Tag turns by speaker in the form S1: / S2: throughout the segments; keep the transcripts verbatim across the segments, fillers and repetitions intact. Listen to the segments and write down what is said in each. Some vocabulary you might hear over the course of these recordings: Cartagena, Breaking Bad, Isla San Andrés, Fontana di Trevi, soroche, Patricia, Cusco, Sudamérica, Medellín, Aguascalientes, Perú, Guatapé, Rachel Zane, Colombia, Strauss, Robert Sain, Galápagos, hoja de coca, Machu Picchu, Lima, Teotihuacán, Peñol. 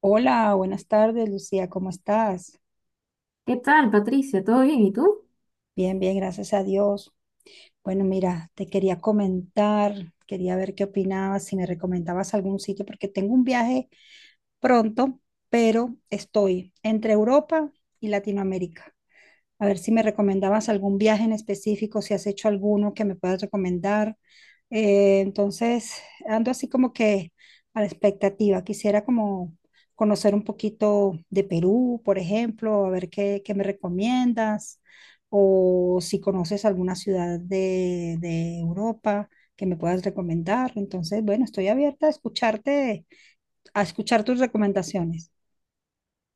S1: Hola, buenas tardes, Lucía, ¿cómo estás?
S2: ¿Qué tal, Patricia? ¿Todo bien? ¿Y tú?
S1: Bien, bien, gracias a Dios. Bueno, mira, te quería comentar, quería ver qué opinabas, si me recomendabas algún sitio, porque tengo un viaje pronto, pero estoy entre Europa y Latinoamérica. A ver si me recomendabas algún viaje en específico, si has hecho alguno que me puedas recomendar. Eh, entonces, ando así como que a la expectativa. Quisiera como conocer un poquito de Perú, por ejemplo, a ver qué, qué me recomiendas, o si conoces alguna ciudad de, de Europa que me puedas recomendar. Entonces, bueno, estoy abierta a escucharte, a escuchar tus recomendaciones.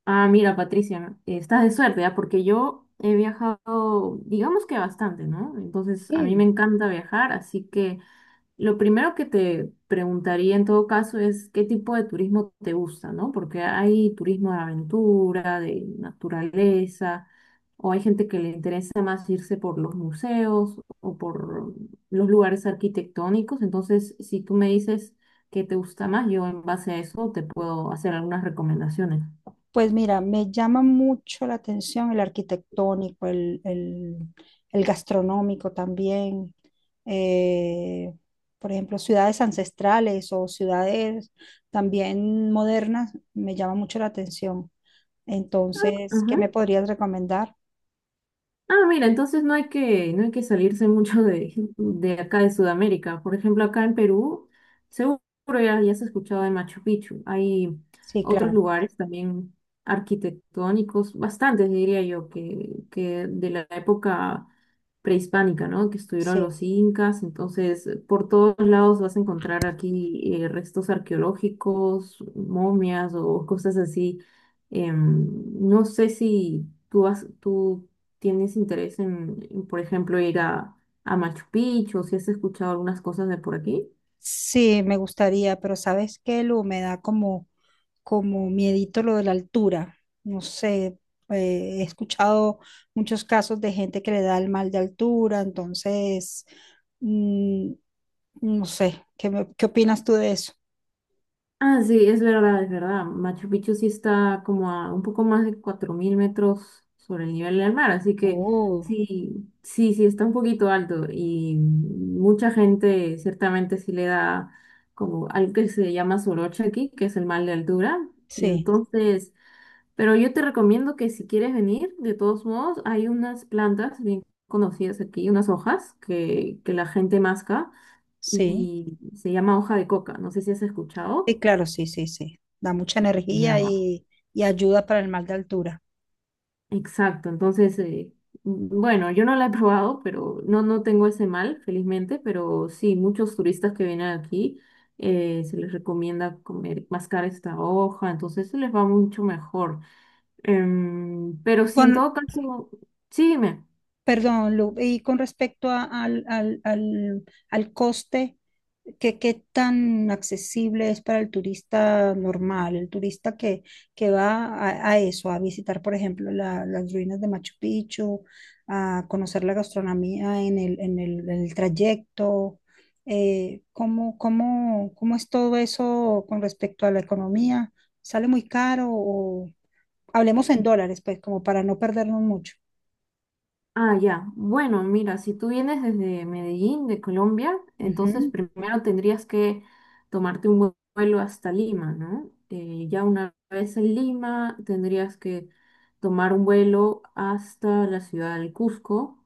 S2: Ah, mira, Patricia, estás de suerte, ¿ah? Porque yo he viajado, digamos que bastante, ¿no? Entonces, a mí me
S1: Sí.
S2: encanta viajar, así que. Lo primero que te preguntaría en todo caso es qué tipo de turismo te gusta, ¿no? Porque hay turismo de aventura, de naturaleza, o hay gente que le interesa más irse por los museos o por los lugares arquitectónicos. Entonces, si tú me dices qué te gusta más, yo en base a eso te puedo hacer algunas recomendaciones.
S1: Pues mira, me llama mucho la atención el arquitectónico, el, el- el gastronómico también. eh, por ejemplo, ciudades ancestrales o ciudades también modernas, me llama mucho la atención. Entonces, ¿qué me podrías recomendar?
S2: Ah, mira, entonces no hay que, no hay que salirse mucho de, de acá de Sudamérica. Por ejemplo, acá en Perú, seguro ya, ya has escuchado de Machu Picchu. Hay
S1: Sí,
S2: otros
S1: claro,
S2: lugares también arquitectónicos, bastantes diría yo, que, que de la época prehispánica, ¿no? Que estuvieron
S1: sí.
S2: los incas. Entonces, por todos lados vas a encontrar aquí eh, restos arqueológicos, momias o cosas así. Em, no sé si tú has, tú tienes interés en, en, por ejemplo, ir a, a Machu Picchu, si has escuchado algunas cosas de por aquí.
S1: Sí, me gustaría, pero ¿sabes qué, Lu? Me da como, como miedito lo de la altura. No sé, eh, he escuchado muchos casos de gente que le da el mal de altura, entonces, mm, no sé, ¿qué, me- qué opinas tú de eso?
S2: Ah, sí, es verdad, es verdad. Machu Picchu sí está como a un poco más de cuatro mil metros sobre el nivel del mar, así que
S1: Uh,
S2: sí, sí, sí, está un poquito alto y mucha gente ciertamente sí le da como algo que se llama soroche aquí, que es el mal de altura, y
S1: sí,
S2: entonces... Pero yo te recomiendo que si quieres venir, de todos modos, hay unas plantas bien conocidas aquí, unas hojas que, que la gente masca
S1: sí,
S2: y se llama hoja de coca. No sé si has escuchado.
S1: sí, claro, sí, sí, sí. Da mucha
S2: Ya,
S1: energía y, y ayuda para el mal de altura.
S2: exacto. Entonces, eh, bueno, yo no la he probado, pero no, no tengo ese mal, felizmente, pero sí, muchos turistas que vienen aquí eh, se les recomienda comer, mascar esta hoja, entonces se les va mucho mejor. Em, pero
S1: Y
S2: si en
S1: con,
S2: todo caso, sígueme.
S1: Perdón, Lu, y con respecto a- al, al- al- al coste, ¿qué, qué tan accesible es para el turista normal, el turista que, que va a, a eso, a visitar, por ejemplo, la- las ruinas de Machu Picchu, a conocer la gastronomía en el, en el, en el trayecto? Eh, ¿cómo, cómo, cómo es todo eso con respecto a la economía? ¿Sale muy caro o hablemos en dólares, pues, como para no perdernos mucho?
S2: Ah, ya. Bueno, mira, si tú vienes desde Medellín, de Colombia, entonces
S1: Ujú.
S2: primero tendrías que tomarte un vue- vuelo hasta Lima, ¿no? Eh, ya una vez en Lima, tendrías que tomar un vuelo hasta la ciudad del Cusco.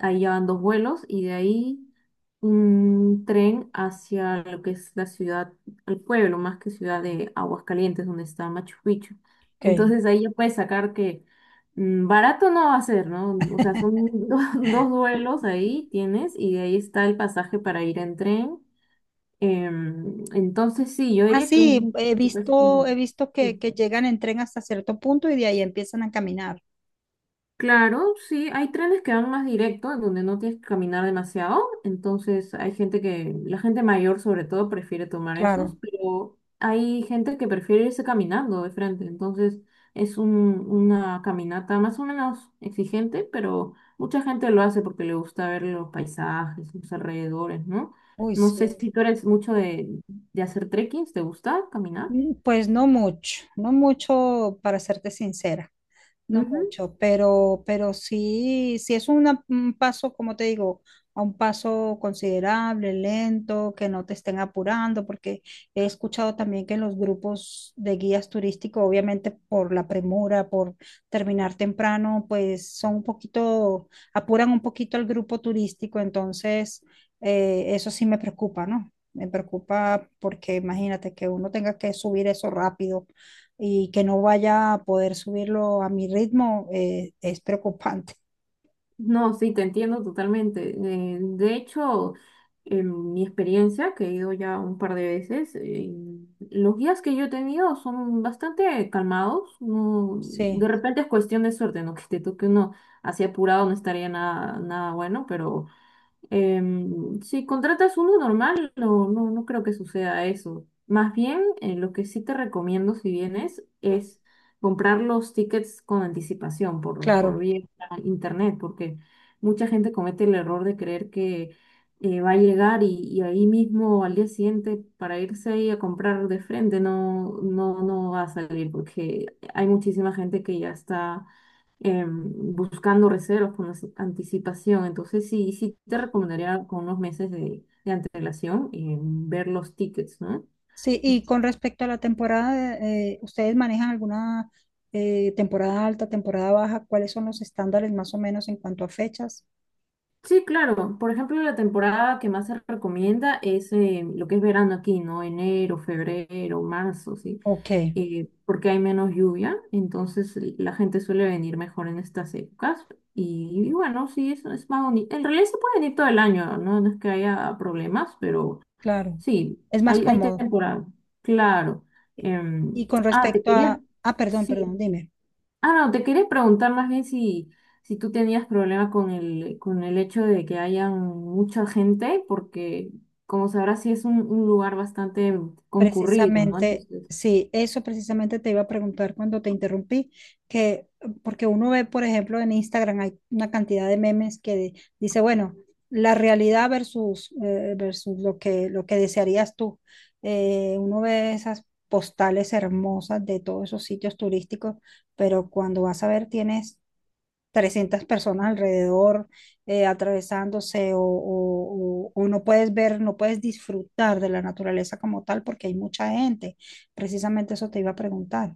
S2: Ahí ya van dos vuelos y de ahí un tren hacia lo que es la ciudad, el pueblo, más que ciudad de Aguascalientes, donde está Machu Picchu.
S1: Ok.
S2: Entonces ahí ya puedes sacar que Mm, Barato no va a ser, ¿no? O sea, son do- dos vuelos ahí tienes y de ahí está el pasaje para ir en tren. Em, entonces sí, yo
S1: Ah,
S2: diría que
S1: sí,
S2: un
S1: he visto,
S2: precio.
S1: he visto que, que llegan en tren hasta cierto punto y de ahí empiezan a caminar.
S2: Claro, sí, hay trenes que van más directo, en donde no tienes que caminar demasiado, entonces hay gente que, la gente mayor sobre todo prefiere tomar
S1: Claro.
S2: esos, pero hay gente que prefiere irse caminando de frente, entonces es un- una caminata más o menos exigente, pero mucha gente lo hace porque le gusta ver los paisajes, los alrededores, ¿no?
S1: Uy,
S2: No
S1: sí.
S2: sé si tú eres mucho de, de hacer trekkings, ¿te gusta caminar?
S1: Mm, Pues no mucho, no mucho para serte sincera. No mucho, pero, pero, sí, sí es una- un paso, como te digo, a un paso considerable, lento, que no te estén apurando, porque he escuchado también que los grupos de guías turísticos, obviamente por la premura, por terminar temprano, pues son un poquito, apuran un poquito al grupo turístico, entonces eh, eso sí me preocupa, ¿no? Me preocupa porque imagínate que uno tenga que subir eso rápido y que no vaya a poder subirlo a mi ritmo eh, es preocupante.
S2: No, sí, te entiendo totalmente. Eh, de hecho, en mi experiencia, que he ido ya un par de veces, eh, los guías que yo he tenido son bastante calmados. No, de
S1: Sí,
S2: repente es cuestión de suerte, ¿no? Que te toque uno así apurado no estaría nada, nada bueno, pero. Em, si contratas uno normal, no, no, no creo que suceda eso. Más bien, eh, lo que sí te recomiendo si vienes es comprar los tickets con anticipación por, por
S1: claro.
S2: vía internet, porque mucha gente comete el error de creer que eh, va a llegar y, y ahí mismo al día siguiente para irse ahí a comprar de frente no, no, no va a salir, porque hay muchísima gente que ya está em, buscando reservas con as- anticipación. Entonces, sí, sí te recomendaría con unos meses de, de antelación em, ver los tickets, ¿no?
S1: Sí, y con respecto a la temporada, eh, ¿ustedes manejan alguna eh, temporada alta, temporada baja? ¿Cuáles son los estándares más o menos en cuanto a fechas?
S2: Sí, claro. Por ejemplo, la temporada que más se recomienda es eh, lo que es verano aquí, ¿no? Enero, febrero, marzo, ¿sí?
S1: Ok,
S2: Eh, porque hay menos lluvia, entonces l- la gente suele venir mejor en estas épocas. Y, y bueno, sí, eso es más bonito. En realidad se puede venir todo el año, ¿no? No es que haya problemas, pero.
S1: claro.
S2: Sí,
S1: Es más
S2: hay, hay
S1: cómodo.
S2: temporada, claro.
S1: Y
S2: Em,
S1: y con
S2: ah, te
S1: respecto
S2: quería,
S1: a... Ah, perdón, perdón,
S2: sí.
S1: dime.
S2: Ah, no, te quería preguntar más bien si, si tú tenías problema con el, con el hecho de que haya mucha gente, porque como sabrás, sí es un, un lugar bastante concurrido, ¿no?
S1: Precisamente,
S2: Entonces.
S1: sí, eso precisamente te iba a preguntar cuando te interrumpí, que porque uno ve, por ejemplo, en Instagram hay una cantidad de memes que de- dice, bueno, la realidad versus, eh, versus lo que, lo que, desearías tú. Eh, uno ve esas postales hermosas de todos esos sitios turísticos, pero cuando vas a ver, tienes trescientas personas alrededor eh, atravesándose o, o- o- o no puedes ver, no puedes disfrutar de la naturaleza como tal porque hay mucha gente. Precisamente eso te iba a preguntar.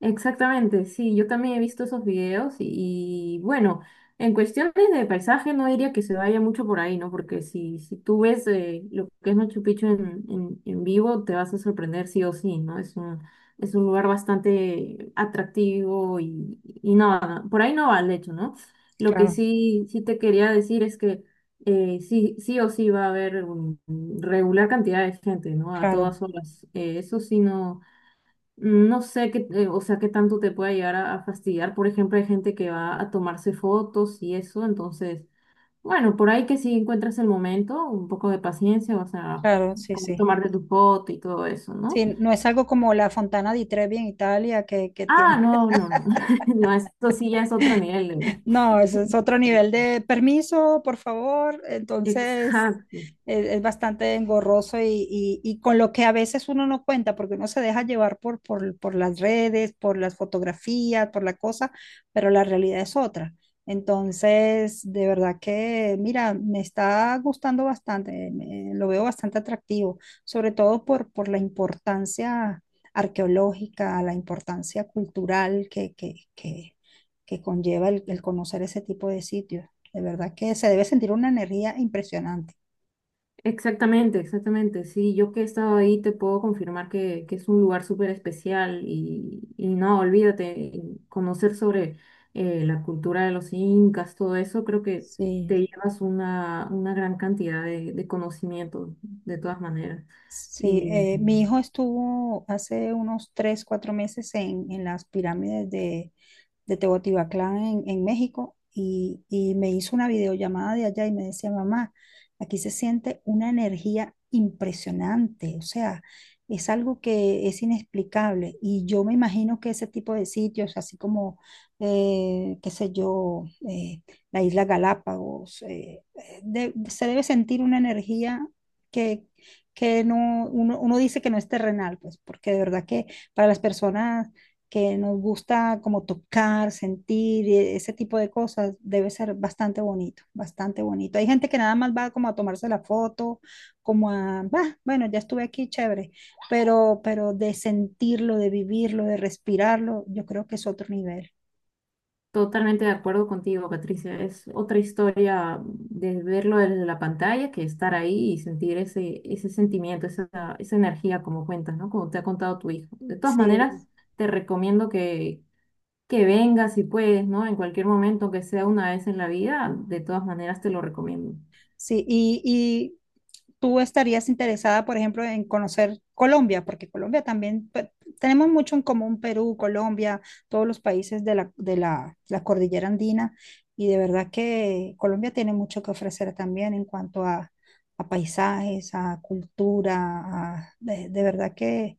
S2: Exactamente, sí, yo también he visto esos videos y, y, bueno, en cuestiones de paisaje no diría que se vaya mucho por ahí, ¿no? Porque si, si tú ves eh, lo que es Machu Picchu en, en, en vivo, te vas a sorprender sí o sí, ¿no? Es un, es un lugar bastante atractivo y, y nada por ahí no va el hecho, ¿no? Lo que
S1: Claro,
S2: sí, sí te quería decir es que eh, sí, sí o sí va a haber un- regular cantidad de gente, ¿no? A
S1: claro,
S2: todas horas. Eh, eso sí no. No sé qué, eh, o sea, qué tanto te pueda llegar a, a fastidiar. Por ejemplo, hay gente que va a tomarse fotos y eso, entonces, bueno, por ahí que si encuentras el momento, un poco de paciencia, o sea,
S1: claro, sí,
S2: puedes
S1: sí.
S2: tomarte tu foto y todo eso,
S1: Sí,
S2: ¿no?
S1: no es algo como la Fontana di Trevi en Italia que, que,
S2: Ah,
S1: tiene.
S2: no, no, no, no, eso sí ya es otro nivel.
S1: No, eso es otro
S2: de-
S1: nivel de permiso, por favor. Entonces,
S2: Exacto.
S1: es, es bastante engorroso y, y- y con lo que a veces uno no cuenta, porque uno se deja llevar por, por, por las redes, por las fotografías, por la cosa, pero la realidad es otra. Entonces, de verdad que, mira, me está gustando bastante, me- lo veo bastante atractivo, sobre todo por, por, la importancia arqueológica, la importancia cultural que, que, que, que, conlleva el, el conocer ese tipo de sitios. De verdad que se debe sentir una energía impresionante.
S2: Exactamente, exactamente. Sí, yo que he estado ahí te puedo confirmar que, que es un lugar súper especial y, y no, olvídate, y conocer sobre eh, la cultura de los incas, todo eso, creo que
S1: Sí.
S2: te llevas una, una gran cantidad de, de conocimiento de todas maneras.
S1: Sí,
S2: Y,
S1: eh, mi hijo estuvo hace unos tres, cuatro meses en, en las pirámides de, de Teotihuacán en, en México y, y me hizo una videollamada de allá y me decía, mamá, aquí se siente una energía impresionante, o sea, es algo que es inexplicable y yo me imagino que ese tipo de sitios, así como, eh, qué sé yo, eh, la isla Galápagos, eh, eh, de- se debe sentir una energía que, que, no, uno, uno dice que no es terrenal, pues porque de verdad que para las personas que nos gusta como tocar, sentir, e- ese tipo de cosas, debe ser bastante bonito, bastante bonito. Hay gente que nada más va como a tomarse la foto, como a, "Bah, bueno, ya estuve aquí, chévere, pero, pero, de sentirlo, de vivirlo, de respirarlo, yo creo que es otro nivel.
S2: Totalmente de acuerdo contigo, Patricia. Es otra historia de verlo desde la pantalla que estar ahí y sentir ese, ese sentimiento, esa, esa energía como cuentas, ¿no? Como te ha contado tu hijo. De todas
S1: Sí.
S2: maneras, te recomiendo que, que vengas si puedes, ¿no? En cualquier momento, aunque sea una vez en la vida, de todas maneras te lo recomiendo.
S1: Sí, y, y tú estarías interesada, por ejemplo, en conocer Colombia, porque Colombia también, pe- tenemos mucho en común, Perú, Colombia, todos los países de la, de la, la cordillera andina, y de verdad que Colombia tiene mucho que ofrecer también en cuanto a, a paisajes, a cultura, a- de, de verdad que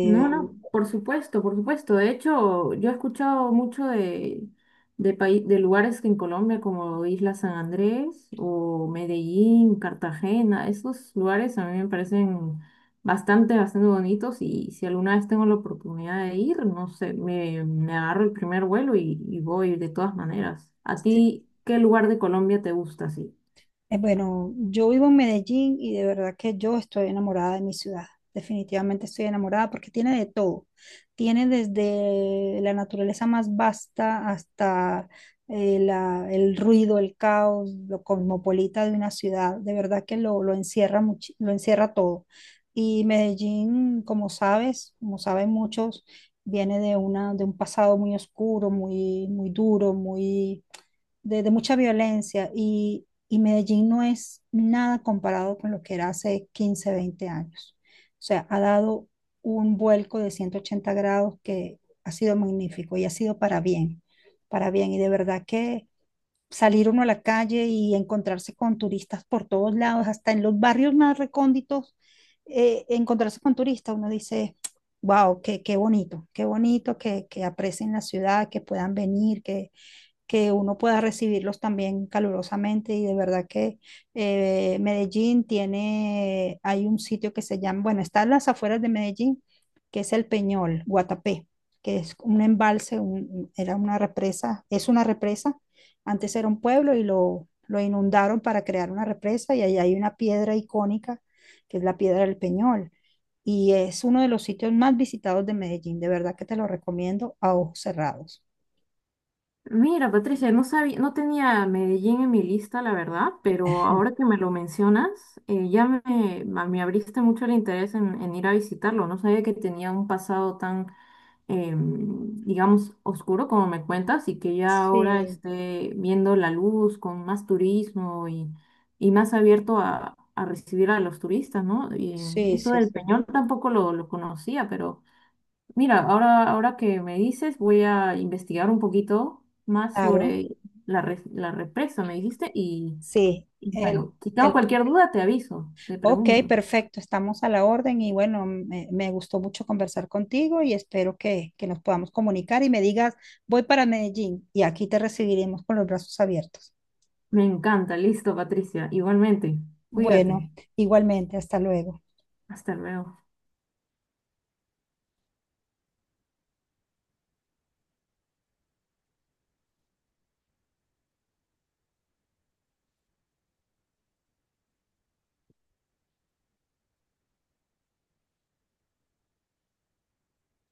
S2: No, no, por supuesto, por supuesto. De hecho, yo he escuchado mucho de, de, pai- de lugares que en Colombia como Isla San Andrés o Medellín, Cartagena. Esos lugares a mí me parecen bastante, bastante bonitos y si alguna vez tengo la oportunidad de ir, no sé, me, me agarro el primer vuelo y, y voy de todas maneras. ¿A
S1: sí.
S2: ti qué lugar de Colombia te gusta, sí?
S1: Eh, Bueno, yo vivo en Medellín y de verdad que yo estoy enamorada de mi ciudad. Definitivamente estoy enamorada porque tiene de todo. Tiene desde la naturaleza más vasta hasta eh, la- el ruido, el caos, lo cosmopolita de una ciudad. De verdad que lo, lo encierra muchi- lo encierra todo. Y Medellín, como sabes, como saben muchos, viene de una, de un pasado muy oscuro, muy, muy duro, muy de, de mucha violencia y, y, Medellín no es nada comparado con lo que era hace quince a veinte años. O sea, ha dado un vuelco de ciento ochenta grados que ha sido magnífico y ha sido para bien, para bien. Y de verdad que salir uno a la calle y encontrarse con turistas por todos lados, hasta en los barrios más recónditos, eh, encontrarse con turistas, uno dice, wow, qué, qué, bonito, qué bonito que, que aprecien la ciudad, que puedan venir, que que uno pueda recibirlos también calurosamente y de verdad que eh, Medellín tiene, hay un sitio que se llama, bueno, está en las afueras de Medellín, que es el Peñol, Guatapé, que es un embalse, un- era una represa, es una represa, antes era un pueblo y lo, lo, inundaron para crear una represa y ahí hay una piedra icónica, que es la piedra del Peñol. Y es uno de los sitios más visitados de Medellín, de verdad que te lo recomiendo a ojos cerrados.
S2: Mira, Patricia, no sabía, no tenía Medellín en mi lista, la verdad, pero ahora que me lo mencionas, eh, ya me, ma- me abriste mucho el interés en, en ir a visitarlo. No sabía que tenía un pasado tan, em, digamos, oscuro como me cuentas y que ya ahora
S1: Sí.
S2: esté viendo la luz con más turismo y, y más abierto a, a recibir a los turistas, ¿no? Y, eh,
S1: Sí,
S2: eso
S1: sí,
S2: del
S1: sí,
S2: Peñol tampoco lo, lo conocía, pero... Mira, ahora, ahora que me dices, voy a investigar un poquito más
S1: claro.
S2: sobre la, res- la represa, me dijiste, y,
S1: Sí.
S2: y
S1: el,
S2: bueno, si tengo
S1: el,
S2: cualquier duda, te aviso, te
S1: ok,
S2: pregunto.
S1: perfecto, estamos a la orden y bueno, me, me, gustó mucho conversar contigo y espero que, que nos podamos comunicar y me digas, voy para Medellín y aquí te recibiremos con los brazos abiertos.
S2: Me encanta, listo, Patricia, igualmente, cuídate,
S1: Bueno, igualmente, hasta luego.
S2: hasta luego.